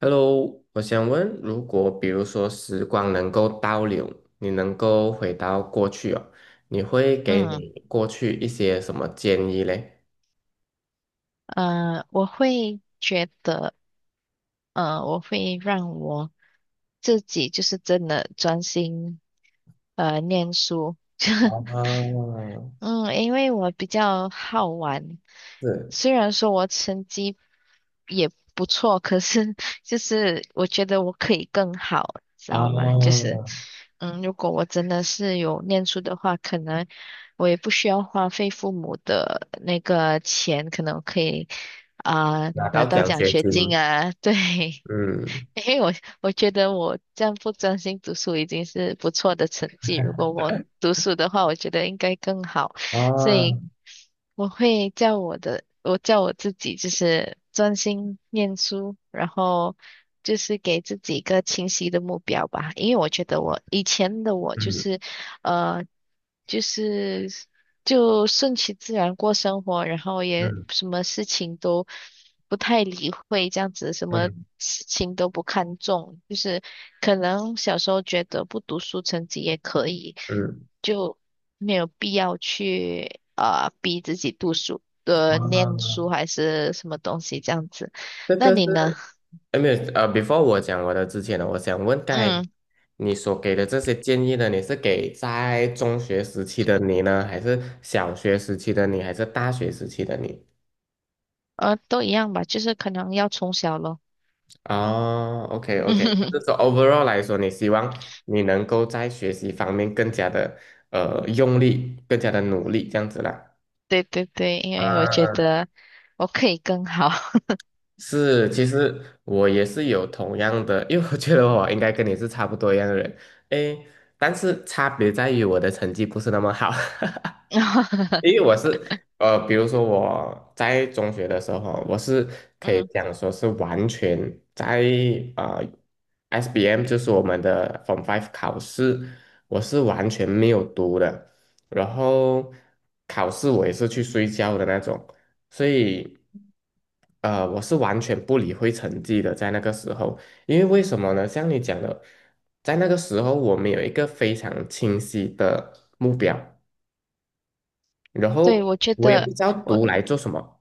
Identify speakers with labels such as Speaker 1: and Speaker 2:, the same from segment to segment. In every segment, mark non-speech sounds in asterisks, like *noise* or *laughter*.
Speaker 1: Hello，我想问，如果比如说时光能够倒流，你能够回到过去哦，你会给
Speaker 2: 嗯，
Speaker 1: 你过去一些什么建议嘞？
Speaker 2: 我会觉得，我会让我自己就是真的专心念书，*laughs*
Speaker 1: 啊，
Speaker 2: 嗯，因为我比较好玩，
Speaker 1: 是
Speaker 2: 虽然说我成绩也不错，可是就是我觉得我可以更好，知道吗？就
Speaker 1: 啊
Speaker 2: 是如果我真的是有念书的话，可能我也不需要花费父母的那个钱，可能我可以啊、
Speaker 1: 拿到
Speaker 2: 拿到
Speaker 1: 奖
Speaker 2: 奖
Speaker 1: 学
Speaker 2: 学
Speaker 1: 金，
Speaker 2: 金啊，对，*laughs*
Speaker 1: 嗯
Speaker 2: 因为我觉得我这样不专心读书已经是不错的成绩，如果我读书的话，我觉得应该更好。所以
Speaker 1: 啊
Speaker 2: 我会叫我的，我叫我自己就是专心念书，然后就是给自己一个清晰的目标吧，因为我觉得我以前的我就
Speaker 1: 嗯
Speaker 2: 是，呃，就是就顺其自然过生活，然后也
Speaker 1: 嗯
Speaker 2: 什么事情都不太理会，这样子什么。
Speaker 1: 嗯
Speaker 2: 事情都不看重，就是可能小时候觉得不读书成绩也可以，
Speaker 1: 嗯，
Speaker 2: 就没有必要去逼自己读书念
Speaker 1: 啊！
Speaker 2: 书还是什么东西这样子。
Speaker 1: 这
Speaker 2: 那
Speaker 1: 个是
Speaker 2: 你呢？
Speaker 1: 哎，没有，before 我讲我的之前呢，我想问，刚才
Speaker 2: 嗯，
Speaker 1: 你所给的这些建议呢，你是给在中学时期的你呢，还是小学时期的你，还是大学时期的你？
Speaker 2: 都一样吧，就是可能要从小咯。
Speaker 1: 哦，OK，OK，就是
Speaker 2: *laughs*
Speaker 1: 说 overall 来说，你希望你能够在学习方面更加的用力，更加的努力，这样子啦。
Speaker 2: 对对对，因为我觉
Speaker 1: 啊
Speaker 2: 得我可以更好。
Speaker 1: 是，其实我也是有同样的，因为我觉得我应该跟你是差不多一样的人，诶，但是差别在于我的成绩不是那么好，*laughs* 因为
Speaker 2: *laughs*
Speaker 1: 我是比如说我在中学的时候，我是可以
Speaker 2: 嗯，
Speaker 1: 讲说是完全在呃 SBM，就是我们的 Form Five 考试，我是完全没有读的，然后考试我也是去睡觉的那种，所以我是完全不理会成绩的，在那个时候。因为为什么呢？像你讲的，在那个时候我们有一个非常清晰的目标。然
Speaker 2: 对，
Speaker 1: 后
Speaker 2: 我觉
Speaker 1: 我也不
Speaker 2: 得
Speaker 1: 知道
Speaker 2: 我
Speaker 1: 读来做什么，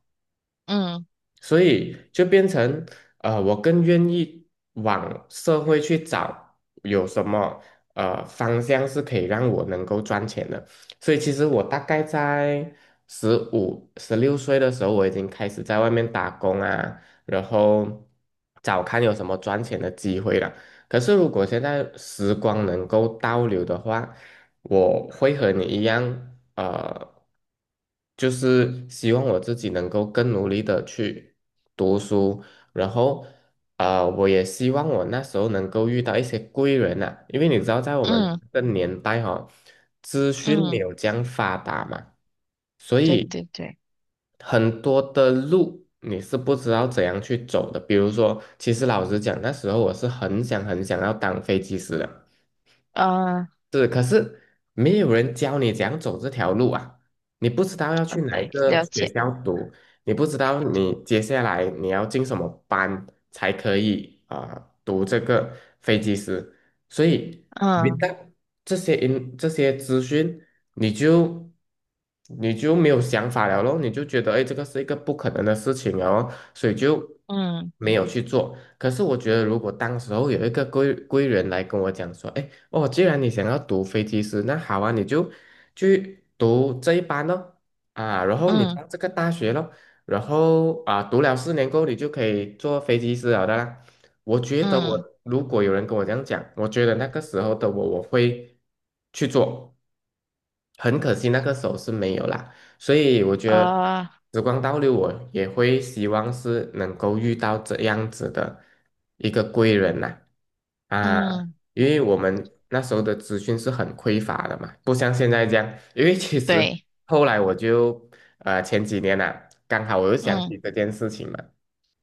Speaker 2: 嗯
Speaker 1: 所以就变成我更愿意往社会去找有什么方向是可以让我能够赚钱的。所以其实我大概在15、16岁的时候，我已经开始在外面打工啊，然后找看有什么赚钱的机会了。可是如果现在时光能够倒流的话，我会和你一样。呃，就是希望我自己能够更努力的去读书，然后我也希望我那时候能够遇到一些贵人呐、因为你知道，在我们
Speaker 2: 嗯
Speaker 1: 的年代哈、资讯没
Speaker 2: 嗯，
Speaker 1: 有这样发达嘛，所
Speaker 2: 对
Speaker 1: 以
Speaker 2: 对对，
Speaker 1: 很多的路你是不知道怎样去走的。比如说，其实老实讲，那时候我是很想很想要当飞机师的。
Speaker 2: 啊、
Speaker 1: 是，可是没有人教你怎样走这条路啊！你不知道要去哪一
Speaker 2: 对，
Speaker 1: 个
Speaker 2: 了
Speaker 1: 学
Speaker 2: 解，
Speaker 1: 校读，你不知道你接下来你要进什么班才可以啊、读这个飞机师，所以没
Speaker 2: 嗯
Speaker 1: 到这些资讯，你就没有想法了咯，你就觉得哎，诶这个是一个不可能的事情了哦，所以就
Speaker 2: 嗯
Speaker 1: 没有去做。可是我觉得，如果当时候有一个人来跟我讲说，哎。哦，既然你想要读飞机师，那好啊，你就去读这一班咯，啊，然后你
Speaker 2: 嗯
Speaker 1: 上这个大学咯，然后啊，读了4年过后，你就可以做飞机师了的啦。我觉得我
Speaker 2: 嗯，
Speaker 1: 如果有人跟我这样讲，我觉得那个时候的我，我会去做。很可惜那个时候是没有啦，所以我觉得
Speaker 2: 啊、
Speaker 1: 时光倒流，我也会希望是能够遇到这样子的一个贵人呐，啊，
Speaker 2: 嗯，
Speaker 1: 因为我们那时候的资讯是很匮乏的嘛，不像现在这样，因为其实
Speaker 2: 对，
Speaker 1: 后来我就前几年呐、刚好我又想
Speaker 2: 嗯
Speaker 1: 起这件事情嘛，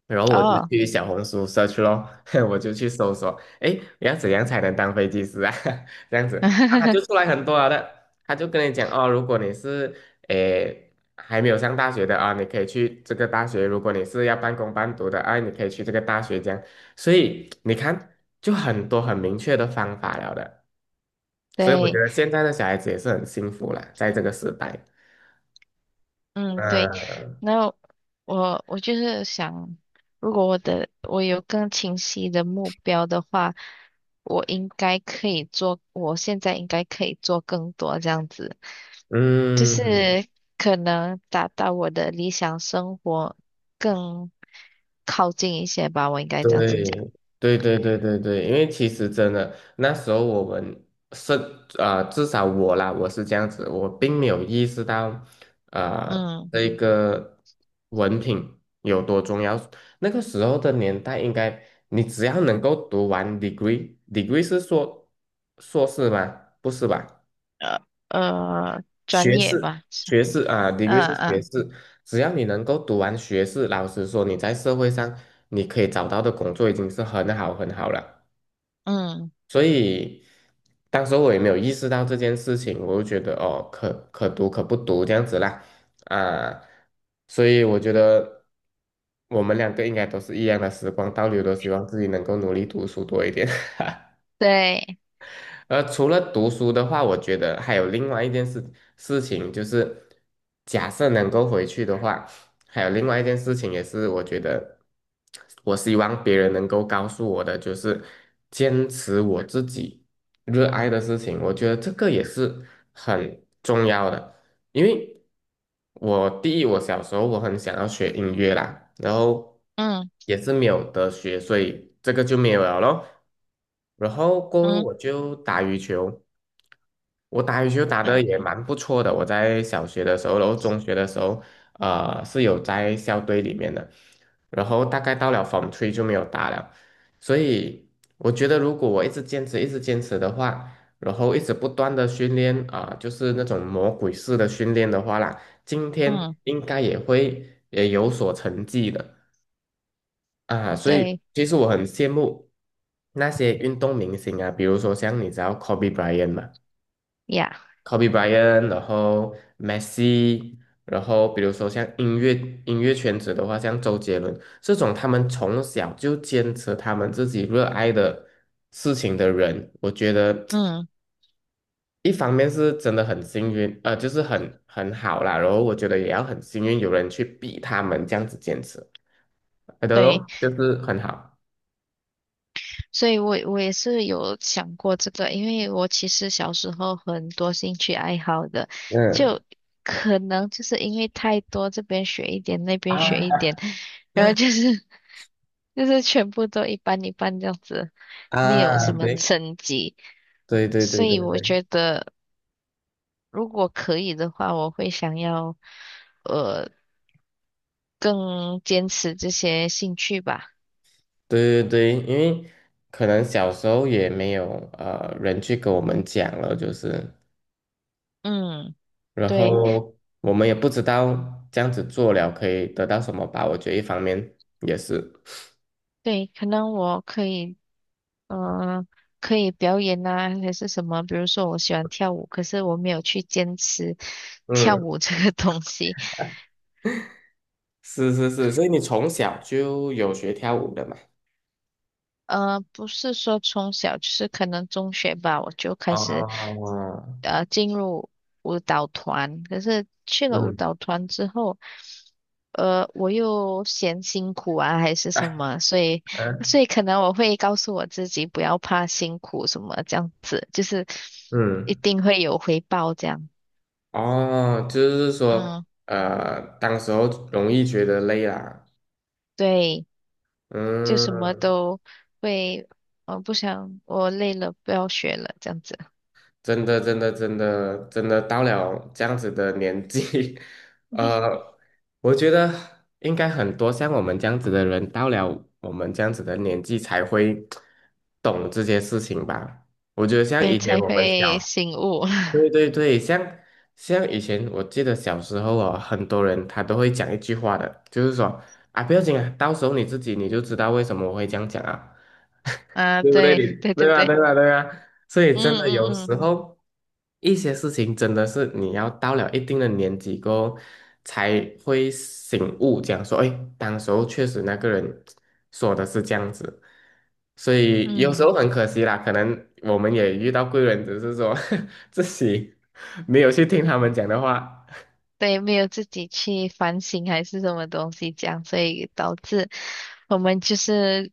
Speaker 1: 然后我就
Speaker 2: 哦。
Speaker 1: 去小红书 search 咯，*laughs* 我就去搜索，诶，要怎样才能当飞机师啊？*laughs* 这样子，啊，他就
Speaker 2: *laughs*
Speaker 1: 出来很多了的，他就跟你讲哦，如果你是诶还没有上大学的啊，你可以去这个大学；如果你是要半工半读的啊，你可以去这个大学这样。所以你看，就很多很明确的方法了的。所以我觉
Speaker 2: 对，
Speaker 1: 得现在的小孩子也是很幸福啦，在这个时代。
Speaker 2: 嗯，对，
Speaker 1: 嗯
Speaker 2: 那我就是想，如果我有更清晰的目标的话，我应该可以做，我现在应该可以做更多这样子，就
Speaker 1: 嗯。
Speaker 2: 是可能达到我的理想生活更靠近一些吧，我应该这样子讲，
Speaker 1: 对对对对对对，因为其实真的那时候我们是啊、至少我啦，我是这样子，我并没有意识到啊、
Speaker 2: 嗯，
Speaker 1: 这个文凭有多重要。那个时候的年代，应该你只要能够读完 degree，degree 是说硕士吗？不是吧？
Speaker 2: 专
Speaker 1: 学
Speaker 2: 业
Speaker 1: 士，
Speaker 2: 吧，是，
Speaker 1: 学士啊，degree
Speaker 2: 嗯
Speaker 1: 是学
Speaker 2: 嗯
Speaker 1: 士，只要你能够读完学士，老实说，你在社会上你可以找到的工作已经是很好很好了。
Speaker 2: 嗯，
Speaker 1: 所以，当时候我也没有意识到这件事情，我就觉得哦，读可不读这样子啦，啊，所以我觉得我们两个应该都是一样的时光倒流，都希望自己能够努力读书多一点。
Speaker 2: 对，
Speaker 1: 而除了读书的话，我觉得还有另外一件事情，就是假设能够回去的话，还有另外一件事情也是我觉得我希望别人能够告诉我的，就是坚持我自己热爱的事情。我觉得这个也是很重要的，因为我第一，我小时候我很想要学音乐啦，然后
Speaker 2: 嗯
Speaker 1: 也是没有得学，所以这个就没有了咯。然后过后
Speaker 2: 嗯
Speaker 1: 我就打羽球，我打羽球打得也
Speaker 2: 嗯
Speaker 1: 蛮不错的。我在小学的时候，然后中学的时候，是有在校队里面的。然后大概到了 f o 就没有打了。所以我觉得，如果我一直坚持，一直坚持的话，然后一直不断的训练啊、就是那种魔鬼式的训练的话啦，今天
Speaker 2: 嗯，
Speaker 1: 应该也会也有所成绩的。啊，所以
Speaker 2: 对
Speaker 1: 其实我很羡慕那些运动明星啊，比如说像你知道 Kobe Bryant 嘛
Speaker 2: 呀。
Speaker 1: ，Kobe Bryant，然后 Messi，然后比如说像音乐圈子的话，像周杰伦这种，他们从小就坚持他们自己热爱的事情的人，我觉得
Speaker 2: 嗯，
Speaker 1: 一方面是真的很幸运，就是很好啦，然后我觉得也要很幸运有人去逼他们这样子坚持，I don't
Speaker 2: 对，
Speaker 1: know，就是很好，
Speaker 2: 所以我也是有想过这个，因为我其实小时候很多兴趣爱好的，
Speaker 1: 嗯。
Speaker 2: 就可能就是因为太多，这边学一点，那边学一点，然后就是 *laughs* 就是全部都一般一般这样子，没有
Speaker 1: 啊，
Speaker 2: 什么
Speaker 1: 对
Speaker 2: 成绩，
Speaker 1: 对对对
Speaker 2: 所
Speaker 1: 对
Speaker 2: 以我
Speaker 1: 对
Speaker 2: 觉得如果可以的话，我会想要呃更坚持这些兴趣吧。
Speaker 1: 对对对，因为可能小时候也没有人去跟我们讲了，就是，
Speaker 2: 嗯，
Speaker 1: 然
Speaker 2: 对。
Speaker 1: 后我们也不知道这样子做了可以得到什么吧。我觉得一方面也是，
Speaker 2: 对，可能我嗯，可以表演啊，还是什么？比如说，我喜欢跳舞，可是我没有去坚持跳
Speaker 1: 嗯，
Speaker 2: 舞这个 *laughs* 东西。
Speaker 1: 是是是，所以你从小就有学跳舞的嘛？
Speaker 2: 不是说从小，就是可能中学吧，我就开始
Speaker 1: 哦，
Speaker 2: 进入舞蹈团。可是去了舞
Speaker 1: 嗯
Speaker 2: 蹈团之后，我又嫌辛苦啊，还是什么，所以所
Speaker 1: 嗯
Speaker 2: 以可能我会告诉我自己不要怕辛苦什么这样子，就是一
Speaker 1: 嗯，
Speaker 2: 定会有回报这样。
Speaker 1: 哦，就是说，
Speaker 2: 嗯。
Speaker 1: 当时候容易觉得累啦，
Speaker 2: 对，就什么
Speaker 1: 嗯
Speaker 2: 都会，我不想，我累了，不要学了，这样子，
Speaker 1: 真的，真的，真的，真的到了这样子的年纪，*laughs*
Speaker 2: *laughs*
Speaker 1: 呃，我觉得应该很多像我们这样子的人，到了我们这样子的年纪才会懂这些事情吧。我觉得像
Speaker 2: 对，
Speaker 1: 以前
Speaker 2: 才
Speaker 1: 我们
Speaker 2: 会
Speaker 1: 小，
Speaker 2: 醒悟。
Speaker 1: 对对对，像以前，我记得小时候哦，很多人他都会讲一句话的，就是说啊，不要紧啊，到时候你自己你就知道为什么我会这样讲啊。
Speaker 2: *laughs* 啊，
Speaker 1: 对不对？你
Speaker 2: 对，对对
Speaker 1: 对啊，
Speaker 2: 对，
Speaker 1: 对啊，对啊。所以
Speaker 2: 嗯
Speaker 1: 真的有
Speaker 2: 嗯
Speaker 1: 时候一些事情真的是你要到了一定的年纪过后才会醒悟，讲说，哎，当时候确实那个人说的是这样子，所以有
Speaker 2: 嗯
Speaker 1: 时
Speaker 2: 嗯，
Speaker 1: 候很可惜啦，可能我们也遇到贵人，只是说 *laughs* 自己没有去听他们讲的话。
Speaker 2: 对，没有自己去反省还是什么东西这样，所以导致我们就是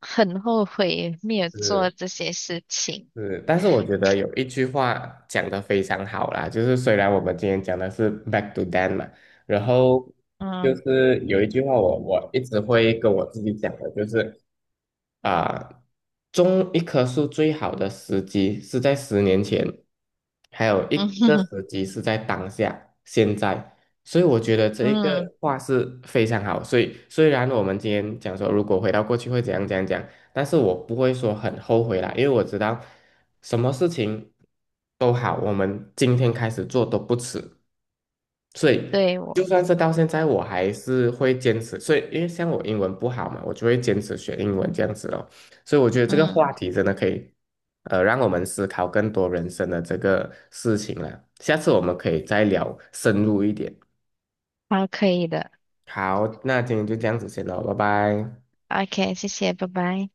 Speaker 2: 很后悔没有做
Speaker 1: 是
Speaker 2: 这些事情。
Speaker 1: 是，但是我觉得有一句话讲得非常好啦，就是虽然我们今天讲的是 back to them 嘛，然后就
Speaker 2: 嗯
Speaker 1: 是有一句话我一直会跟我自己讲的，就是啊、种一棵树最好的时机是在10年前，还有一
Speaker 2: 嗯
Speaker 1: 个
Speaker 2: *laughs*
Speaker 1: 时机是在当下，现在。所以我觉得这一
Speaker 2: 嗯，
Speaker 1: 个话是非常好。所以虽然我们今天讲说，如果回到过去会怎样怎样讲，但是我不会说很后悔啦，因为我知道什么事情都好，我们今天开始做都不迟。所以
Speaker 2: 对
Speaker 1: 就
Speaker 2: 我，
Speaker 1: 算是到现在，我还是会坚持。所以因为像我英文不好嘛，我就会坚持学英文这样子咯。所以我觉得这个话
Speaker 2: 嗯，
Speaker 1: 题真的可以，让我们思考更多人生的这个事情了。下次我们可以再聊深入一点。
Speaker 2: 好，可以的
Speaker 1: 好，那今天就这样子先了，拜拜。
Speaker 2: ，OK,谢谢，拜拜。